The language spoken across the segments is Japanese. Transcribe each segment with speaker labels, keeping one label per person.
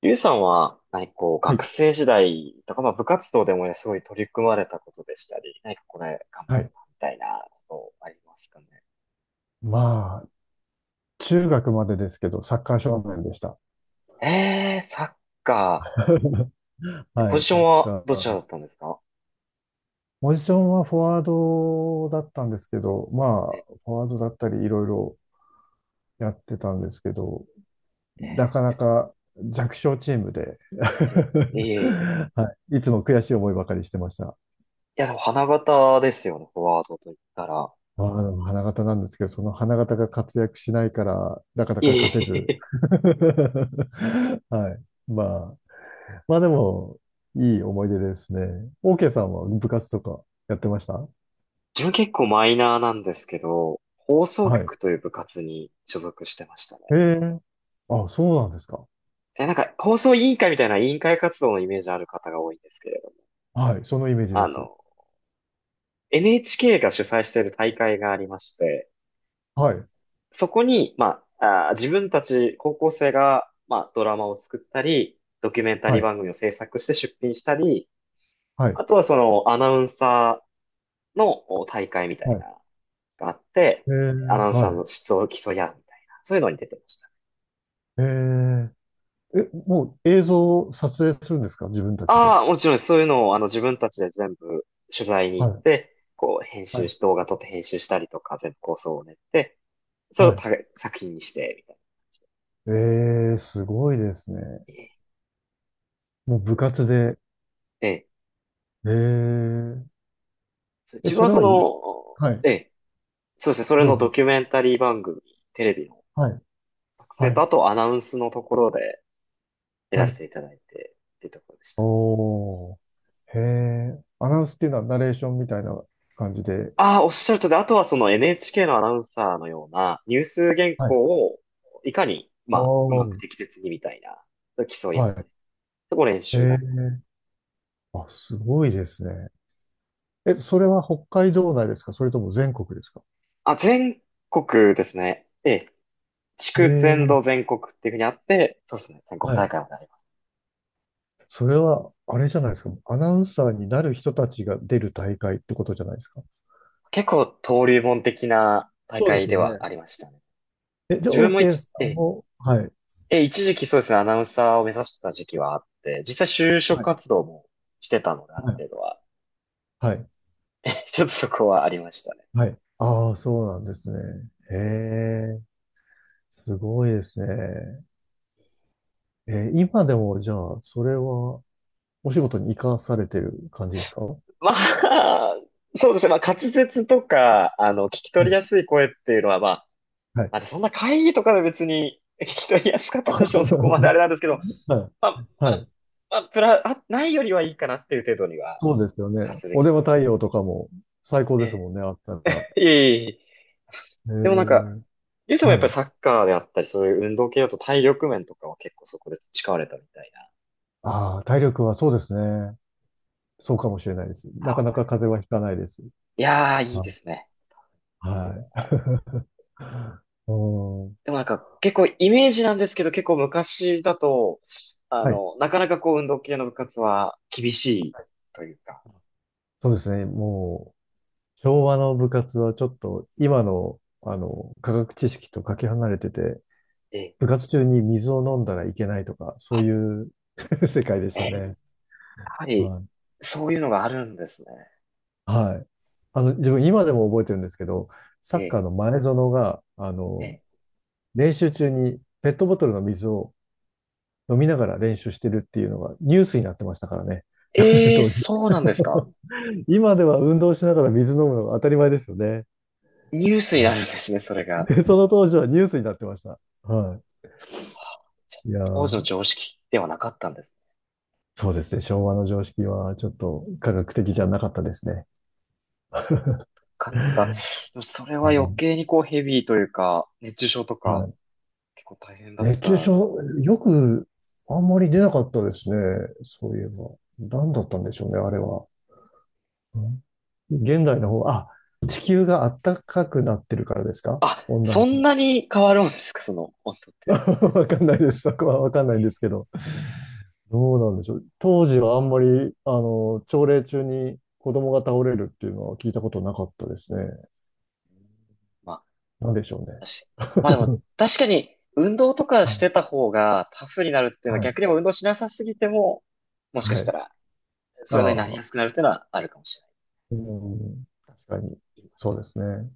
Speaker 1: ゆうさんは、何かこう、
Speaker 2: は
Speaker 1: 学
Speaker 2: い。
Speaker 1: 生時代とか、まあ部活動でもね、すごい取り組まれたことでしたり、何かこれ頑
Speaker 2: は
Speaker 1: 張っ
Speaker 2: い。
Speaker 1: たみたいなことありますかね。
Speaker 2: まあ、中学までですけど、サッカー少年でした。
Speaker 1: サッカ ー。
Speaker 2: は
Speaker 1: ポジ
Speaker 2: い、
Speaker 1: ショ
Speaker 2: サ
Speaker 1: ン
Speaker 2: ッ
Speaker 1: は
Speaker 2: カ
Speaker 1: どちら
Speaker 2: ー。
Speaker 1: だったんですか？
Speaker 2: ポジションはフォワードだったんですけど、まあ、
Speaker 1: え、
Speaker 2: フォワードだったりいろいろやってたんですけど、なかなか弱小チームで
Speaker 1: えー、いえいえいえ。
Speaker 2: はい、いつも悔しい思いばかりしてました。
Speaker 1: いや、でも花形ですよね、フォワードと言ったら。な
Speaker 2: ま
Speaker 1: かな
Speaker 2: あ、
Speaker 1: か、
Speaker 2: でも花形なんですけど、その花形が活躍しないから、なかな
Speaker 1: いえ
Speaker 2: か
Speaker 1: い
Speaker 2: 勝て
Speaker 1: えい
Speaker 2: ず。
Speaker 1: え。
Speaker 2: はい。まあまあでも、いい思い出ですね。OK さんは部活とかやってました
Speaker 1: 自分結構マイナーなんですけど、放送
Speaker 2: はい。
Speaker 1: 局という部活に所属してました
Speaker 2: え
Speaker 1: ね。
Speaker 2: え。あ、そうなんですか。
Speaker 1: なんか、放送委員会みたいな委員会活動のイメージある方が多いんですけれど、
Speaker 2: はい。そのイメージで
Speaker 1: あ
Speaker 2: す。
Speaker 1: の、NHK が主催している大会がありまして、
Speaker 2: はい。
Speaker 1: そこに、まあ、自分たち高校生が、まあ、ドラマを作ったり、ドキュメンタリ
Speaker 2: は
Speaker 1: ー
Speaker 2: い。
Speaker 1: 番組を制作して出品したり、
Speaker 2: はい。
Speaker 1: あとはそのアナウンサーのお大会みた
Speaker 2: は
Speaker 1: い
Speaker 2: い。
Speaker 1: なのがあって、
Speaker 2: ええ。
Speaker 1: アナウンサ
Speaker 2: は
Speaker 1: ー
Speaker 2: い。
Speaker 1: の質を競い合うみたいな、そういうのに出てました。
Speaker 2: えええ、もう映像を撮影するんですか、自分たちで？
Speaker 1: ああ、もちろんそういうのを自分たちで全部取材に
Speaker 2: は
Speaker 1: 行っ
Speaker 2: い。
Speaker 1: て、こう編
Speaker 2: は
Speaker 1: 集
Speaker 2: い。
Speaker 1: し、動画撮って編集したりとか、全部構想を練って、それを
Speaker 2: はい。
Speaker 1: た作品にして、みたいな感じで。
Speaker 2: ええ、すごいですね。
Speaker 1: ええ、
Speaker 2: もう部活で。
Speaker 1: ええ、
Speaker 2: ええ、
Speaker 1: そう。
Speaker 2: え、
Speaker 1: 自分
Speaker 2: そ
Speaker 1: は
Speaker 2: れ
Speaker 1: そ
Speaker 2: はいい。はい。
Speaker 1: の、ええ、そうですね、それ
Speaker 2: どう
Speaker 1: のド
Speaker 2: ぞ。
Speaker 1: キュメンタリー番組、テレビの
Speaker 2: はい。
Speaker 1: 作成
Speaker 2: は
Speaker 1: と、
Speaker 2: い。
Speaker 1: あとアナウンスのところでや
Speaker 2: は
Speaker 1: らせ
Speaker 2: い。
Speaker 1: ていただいて、っていうところでした。
Speaker 2: おー。へえ。アナウンスっていうのはナレーションみたいな感じで。
Speaker 1: ああ、おっしゃるとりで、あとはその NHK のアナウンサーのようなニュース原
Speaker 2: はい。あ
Speaker 1: 稿をいかに、ま
Speaker 2: あ、
Speaker 1: あ、うまく
Speaker 2: は
Speaker 1: 適切にみたいな、競い合う。そこ練
Speaker 2: い。へ
Speaker 1: 習だっ
Speaker 2: え。あ、すごいですね。え、それは北海道内ですか、それとも全国ですか？
Speaker 1: た。あ、全国ですね。ええ、地
Speaker 2: え
Speaker 1: 区全土
Speaker 2: え、
Speaker 1: 全国っていうふうにあって、そうですね、全国
Speaker 2: は
Speaker 1: 大
Speaker 2: い。
Speaker 1: 会もなります。
Speaker 2: それは、あれじゃないですか。アナウンサーになる人たちが出る大会ってことじゃないですか。
Speaker 1: 結構登竜門的な大
Speaker 2: そうで
Speaker 1: 会
Speaker 2: す
Speaker 1: で
Speaker 2: よ
Speaker 1: は
Speaker 2: ね。
Speaker 1: ありましたね。
Speaker 2: え、じゃあ、
Speaker 1: 自分も
Speaker 2: OK さ
Speaker 1: 一、え
Speaker 2: ん
Speaker 1: え、
Speaker 2: も、はい、
Speaker 1: え、一時期そうですね、アナウンサーを目指してた時期はあって、実際就職
Speaker 2: はい、
Speaker 1: 活動もしてたので、ある
Speaker 2: はい。
Speaker 1: 程度は。
Speaker 2: はい、
Speaker 1: ちょっとそこはありましたね。
Speaker 2: はい。ああ、そうなんですね。へえ、すごいですね。え、今でも、じゃあ、それは、お仕事に生かされてる感じですか？は
Speaker 1: まあ、そうですね、まあ滑舌とか、聞き取りや
Speaker 2: い。
Speaker 1: すい声っていうのは、まあ、
Speaker 2: はい。
Speaker 1: まあそんな会議とかで別に聞き取りやすかっ たとしてもそこまであれなんですけど、
Speaker 2: はい。
Speaker 1: まあ、ま
Speaker 2: は
Speaker 1: あ、
Speaker 2: い。
Speaker 1: まあ、プラ、あ、ないよりはいいかなっていう程度には、
Speaker 2: そうですよね。
Speaker 1: 滑舌でき
Speaker 2: お
Speaker 1: ます。
Speaker 2: 電話対応とかも最高です
Speaker 1: え
Speaker 2: もんね、あったら。
Speaker 1: え、いえいえいえ。
Speaker 2: え
Speaker 1: でもなんか、
Speaker 2: ー
Speaker 1: ゆうさんも
Speaker 2: は
Speaker 1: やっぱり
Speaker 2: い。
Speaker 1: サッカーであったり、そういう運動系だと体力面とかは結構そこで培われたみたいな。
Speaker 2: ああ、体力はそうですね。そうかもしれないです。なかな
Speaker 1: あ、
Speaker 2: か風邪はひかないです。
Speaker 1: いやー、いい
Speaker 2: あ、
Speaker 1: ですね。
Speaker 2: はい。うん。
Speaker 1: でもなんか、結構イメージなんですけど、結構昔だと、
Speaker 2: はい。
Speaker 1: なかなかこう運動系の部活は厳しいというか、
Speaker 2: そうですね。もう、昭和の部活はちょっと今の、科学知識とかけ離れてて、
Speaker 1: ええ、
Speaker 2: 部活中に水を飲んだらいけないとか、そう
Speaker 1: あ、
Speaker 2: いう 世界でし
Speaker 1: ええ、
Speaker 2: た
Speaker 1: や
Speaker 2: ね。
Speaker 1: はり、
Speaker 2: はい。
Speaker 1: そういうのがあるんですね。
Speaker 2: はい。自分今でも覚えてるんですけど、サ
Speaker 1: え
Speaker 2: ッカ
Speaker 1: え、
Speaker 2: ーの前園が、
Speaker 1: ええ、
Speaker 2: 練習中にペットボトルの水を飲みながら練習してるっていうのがニュースになってましたからね。
Speaker 1: ええ、
Speaker 2: 当時。
Speaker 1: そうなんですか。
Speaker 2: 今では運動しながら水飲むのが当たり前ですよね。
Speaker 1: ニュースになるん
Speaker 2: は
Speaker 1: ですね、それ
Speaker 2: い。
Speaker 1: が。
Speaker 2: でその当時はニュースになってました。は
Speaker 1: はあ、じゃあ
Speaker 2: い。いや
Speaker 1: 当時の
Speaker 2: ー、
Speaker 1: 常識ではなかったんですね？
Speaker 2: そうですね。昭和の常識はちょっと科学的じゃなかったですね。
Speaker 1: かなか、でもそれは余
Speaker 2: も
Speaker 1: 計にこうヘビーというか、熱中症と
Speaker 2: う、
Speaker 1: か、
Speaker 2: はい。
Speaker 1: 結構大変だっ
Speaker 2: 熱中
Speaker 1: たじゃん。
Speaker 2: 症、よくあんまり出なかったですね。そういえば。何だったんでしょうね、あれは。うん。現代の方、あ、地球が暖かくなってるからですか、
Speaker 1: あ、
Speaker 2: 温
Speaker 1: そ
Speaker 2: 暖
Speaker 1: んなに変わるんですか、その温度っ
Speaker 2: 化。
Speaker 1: て。
Speaker 2: わかんないです。そこはわかんないんで
Speaker 1: う
Speaker 2: すけど。どうなんでしょう。当時はあんまり、朝礼中に子供が倒れるっていうのは聞いたことなかったですね。
Speaker 1: ん、まあ、
Speaker 2: なんでしょうね。
Speaker 1: 確まあでも、確かに、運動とか
Speaker 2: は
Speaker 1: し
Speaker 2: い。
Speaker 1: てた方がタフになるっていうのは
Speaker 2: はい。
Speaker 1: 逆にもう運動しなさすぎても、もしか
Speaker 2: は
Speaker 1: した
Speaker 2: い。
Speaker 1: ら、
Speaker 2: あ
Speaker 1: そういうのになり
Speaker 2: あ、
Speaker 1: やすくなるっていうのはあるかもしれない。
Speaker 2: うん、確かに。
Speaker 1: 今、
Speaker 2: そうですね。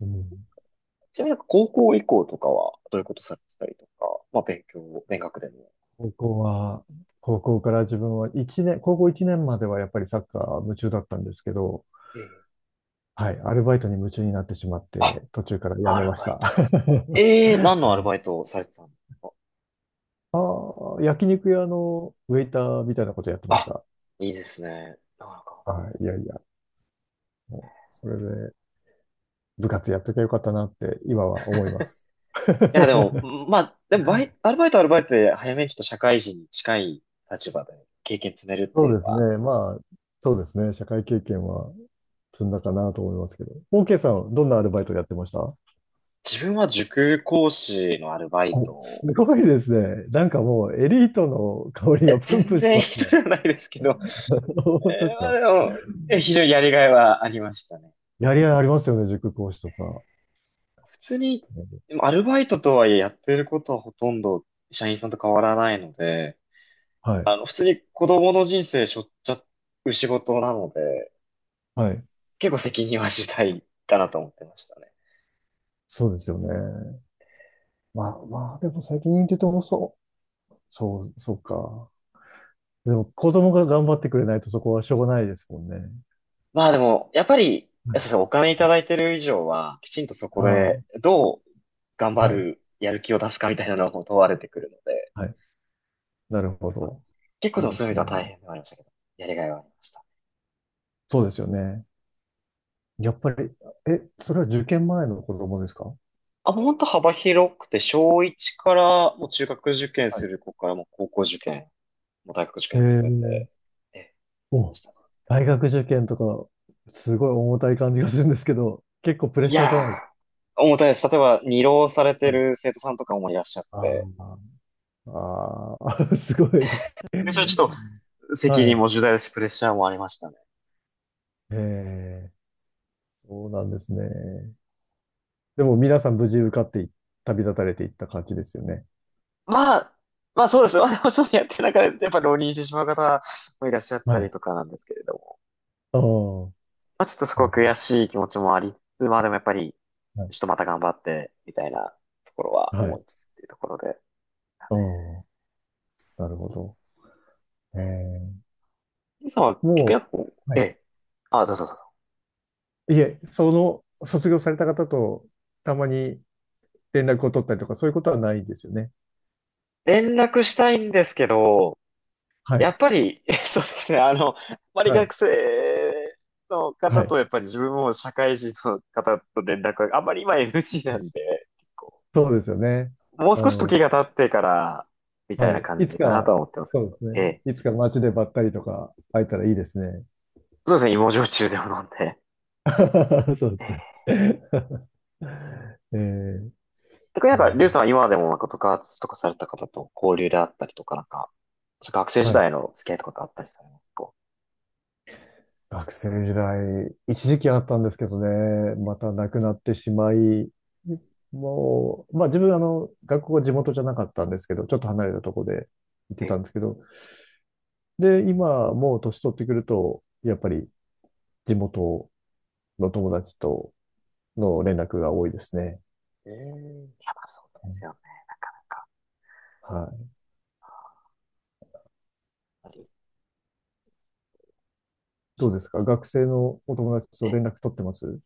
Speaker 2: うん。
Speaker 1: ちなみになんか高校以降とかは、どういうことされてたりとか、まあ勉強、勉学でも。
Speaker 2: 高校は、高校から自分は高校1年まではやっぱりサッカー夢中だったんですけど、
Speaker 1: ええ。
Speaker 2: はい、アルバイトに夢中になってしまっ
Speaker 1: あ、
Speaker 2: て、途中からや
Speaker 1: ア
Speaker 2: め
Speaker 1: ル
Speaker 2: まし
Speaker 1: バイ
Speaker 2: た。
Speaker 1: ト。
Speaker 2: は
Speaker 1: ええ、何のアル
Speaker 2: い。
Speaker 1: バイトをされてたんですか？
Speaker 2: ああ、焼肉屋のウェイターみたいなことやってまし
Speaker 1: あ、
Speaker 2: た。
Speaker 1: いいですね。なかなか。
Speaker 2: はい、いやいや、もう、それで部活やっときゃよかったなって今は思います。
Speaker 1: いや、でも、まあ、でもアルバイトはアルバイトで早めにちょっと社会人に近い立場で経験積めるって
Speaker 2: そ
Speaker 1: い
Speaker 2: う
Speaker 1: うの
Speaker 2: ですね。
Speaker 1: は、
Speaker 2: まあ、そうですね。社会経験は積んだかなと思いますけど。OK さん、どんなアルバイトやってました
Speaker 1: 自分は塾講師のアルバイト
Speaker 2: お、す
Speaker 1: を、
Speaker 2: ごいですね。なんかもうエリートの香り
Speaker 1: いや
Speaker 2: がプン
Speaker 1: 全
Speaker 2: プンし
Speaker 1: 然
Speaker 2: ます
Speaker 1: 人
Speaker 2: ね。
Speaker 1: じゃないですけど、
Speaker 2: 本当
Speaker 1: え
Speaker 2: です
Speaker 1: まあ
Speaker 2: か？
Speaker 1: でも、非常にやりがいはありましたね。
Speaker 2: やりがいありますよね、塾講師とか。
Speaker 1: 普通に、でもアルバイトとはいえやってることはほとんど社員さんと変わらないので、
Speaker 2: はい。
Speaker 1: 普通に子供の人生背負っちゃう仕事なので、
Speaker 2: はい。
Speaker 1: 結構責任は重大だなと思ってましたね。
Speaker 2: そうですよね。まあまあ、でも最近って言うとそう。そう、そうか。でも子供が頑張ってくれないとそこはしょうがないですもんね。
Speaker 1: まあでも、やっぱり、
Speaker 2: はい。
Speaker 1: そうそう、お金いただいてる以上は、きちんとそこで、
Speaker 2: あ
Speaker 1: どう頑
Speaker 2: あ、
Speaker 1: 張
Speaker 2: はい。
Speaker 1: る、やる気を出すかみたいなのも問われてくるので、
Speaker 2: はい。なるほ
Speaker 1: まあ
Speaker 2: ど。
Speaker 1: 結構で
Speaker 2: そう
Speaker 1: も
Speaker 2: で
Speaker 1: そういう意味
Speaker 2: す
Speaker 1: で
Speaker 2: ね。
Speaker 1: は大変ではありましたけど、やりがいはありました。
Speaker 2: そうですよね。やっぱり、え、それは受験前の子供ですか？
Speaker 1: あ、もう本当幅広くて、小1から、もう中学受験
Speaker 2: は
Speaker 1: す
Speaker 2: い。
Speaker 1: る子から、もう高校受験、もう大学受験すべて、
Speaker 2: ええ。
Speaker 1: やってま
Speaker 2: お、
Speaker 1: した。
Speaker 2: 大学受験とか、すごい重たい感じがするんですけど、結構プレッ
Speaker 1: い
Speaker 2: シャーじゃ
Speaker 1: や
Speaker 2: ないですか。
Speaker 1: ー、重たいです。例えば、二浪されて
Speaker 2: はい。
Speaker 1: る生徒さんとかもいらっしゃって、
Speaker 2: ああ、あー すごい。
Speaker 1: でそれちょっと責
Speaker 2: は
Speaker 1: 任
Speaker 2: い。
Speaker 1: も重大ですし、プレッシャーもありましたね。
Speaker 2: ええ、そうなんですね。でも皆さん無事受かってい旅立たれていった感じですよね。
Speaker 1: まあ、まあそうですね。まあでもちょっとやってる中で、やっぱ浪人してしまう方もいらっしゃっ
Speaker 2: は
Speaker 1: たり
Speaker 2: い。
Speaker 1: とかなんですけれども。
Speaker 2: ああ、は
Speaker 1: まあちょっとすごく
Speaker 2: い。
Speaker 1: 悔しい気持ちもありつつ、まあでもやっぱり、
Speaker 2: はい。
Speaker 1: ちょっとまた頑張って、みたいなところは
Speaker 2: は
Speaker 1: 思
Speaker 2: い。
Speaker 1: いつつっていうところで。
Speaker 2: ああ、なるほど。ええ、
Speaker 1: ゆうさんは逆
Speaker 2: も
Speaker 1: にこう、
Speaker 2: う、は
Speaker 1: え
Speaker 2: い。
Speaker 1: え。あ、どうぞどうぞ。
Speaker 2: いえ、卒業された方とたまに連絡を取ったりとか、そういうことはないですよね。
Speaker 1: 連絡したいんですけど、
Speaker 2: は
Speaker 1: や
Speaker 2: い。
Speaker 1: っぱり、そうですね。あまり
Speaker 2: はい。
Speaker 1: 学生の
Speaker 2: は
Speaker 1: 方
Speaker 2: い。
Speaker 1: とやっぱり自分も社会人の方と連絡があんまり今 NG なんで、結構
Speaker 2: そうですよね。
Speaker 1: もう
Speaker 2: う
Speaker 1: 少し時が
Speaker 2: ん。
Speaker 1: 経ってから、みたい
Speaker 2: は
Speaker 1: な
Speaker 2: い。
Speaker 1: 感
Speaker 2: いつ
Speaker 1: じかな
Speaker 2: か、
Speaker 1: とは思ってますけ
Speaker 2: そうで
Speaker 1: ど。
Speaker 2: す
Speaker 1: え
Speaker 2: ね。
Speaker 1: え。
Speaker 2: いつか街でばったりとか会えたらいいですね。
Speaker 1: そうですね、芋焼酎でも飲んで。
Speaker 2: そうで
Speaker 1: え
Speaker 2: す
Speaker 1: え。
Speaker 2: ね。えー、
Speaker 1: 特に
Speaker 2: い
Speaker 1: なん
Speaker 2: や、
Speaker 1: か、リュウさんは今でもなんか部活とかされた方と交流であったりとか、なんか、学生時
Speaker 2: はい。
Speaker 1: 代の付き合いとかってあったりされますか？
Speaker 2: 学生時代、一時期あったんですけどね、またなくなってしまい、もう、まあ自分、学校は地元じゃなかったんですけど、ちょっと離れたとこで行って
Speaker 1: え
Speaker 2: た
Speaker 1: え。
Speaker 2: んですけど、で、今、もう年取ってくると、やっぱり地元の友達との連絡が多いですね。
Speaker 1: ええ、いやばそうですよね、なかなか。
Speaker 2: はい。
Speaker 1: やっぱり
Speaker 2: どう
Speaker 1: そ
Speaker 2: で
Speaker 1: う
Speaker 2: す
Speaker 1: で
Speaker 2: か、
Speaker 1: す
Speaker 2: 学生のお友達と
Speaker 1: ね。
Speaker 2: 連絡取ってます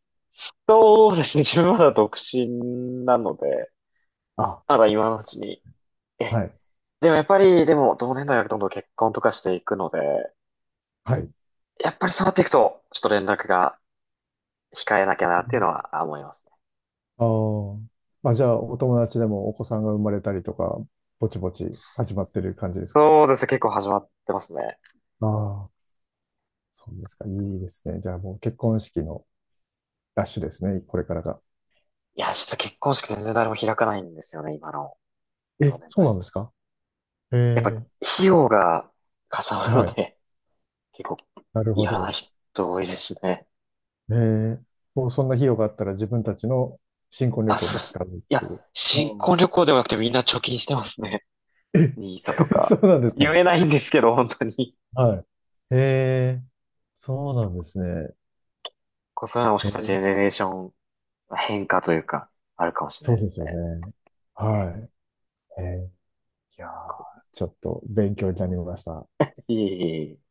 Speaker 1: そうですね、自分まだ独身なので、
Speaker 2: あ、
Speaker 1: まだ今のうちに。え、
Speaker 2: はい。
Speaker 1: でもやっぱり、でも同年代はどんどん結婚とかしていくので、
Speaker 2: はい。
Speaker 1: やっぱりそうなっていくと、ちょっと連絡が控えなきゃなっていうのは思いますね。
Speaker 2: ああ。まあ、じゃあ、お友達でもお子さんが生まれたりとか、ぼちぼち始まってる感じですか？
Speaker 1: そうですね、結構始まってますね。
Speaker 2: ああー、そうですか。いいですね。じゃあもう結婚式のラッシュですね。これからが。
Speaker 1: いや、ちょっと結婚式全然誰も開かないんですよね、今の同
Speaker 2: え、
Speaker 1: 年
Speaker 2: そうな
Speaker 1: 代。
Speaker 2: んですか？え
Speaker 1: やっぱ、
Speaker 2: え。
Speaker 1: 費用がかさむ
Speaker 2: は
Speaker 1: の
Speaker 2: い。
Speaker 1: で、結構、
Speaker 2: なるほ
Speaker 1: やらない
Speaker 2: ど。
Speaker 1: 人多いですね。
Speaker 2: ええ。もうそんな費用があったら自分たちの新婚旅
Speaker 1: あ、
Speaker 2: 行
Speaker 1: そうっ
Speaker 2: に使
Speaker 1: す。
Speaker 2: うっ
Speaker 1: い
Speaker 2: て
Speaker 1: や、
Speaker 2: いう。
Speaker 1: 新
Speaker 2: う
Speaker 1: 婚
Speaker 2: ん。
Speaker 1: 旅行でもなくてみんな貯金してますね。
Speaker 2: え、
Speaker 1: ニーサと
Speaker 2: そ
Speaker 1: か。
Speaker 2: うなんですか？
Speaker 1: 言えないんですけど、本当に。
Speaker 2: はい。ええ、そうなんですね。
Speaker 1: こうそういうのはもし
Speaker 2: え
Speaker 1: かしたらジ
Speaker 2: え、
Speaker 1: ェネレーションの変化というか、あるかもしれ
Speaker 2: そ
Speaker 1: ない
Speaker 2: う
Speaker 1: で
Speaker 2: で
Speaker 1: す
Speaker 2: すよ
Speaker 1: ね。
Speaker 2: ね。はい。ええ、いやー、
Speaker 1: こ
Speaker 2: ちょっと勉強になりました。
Speaker 1: ういい。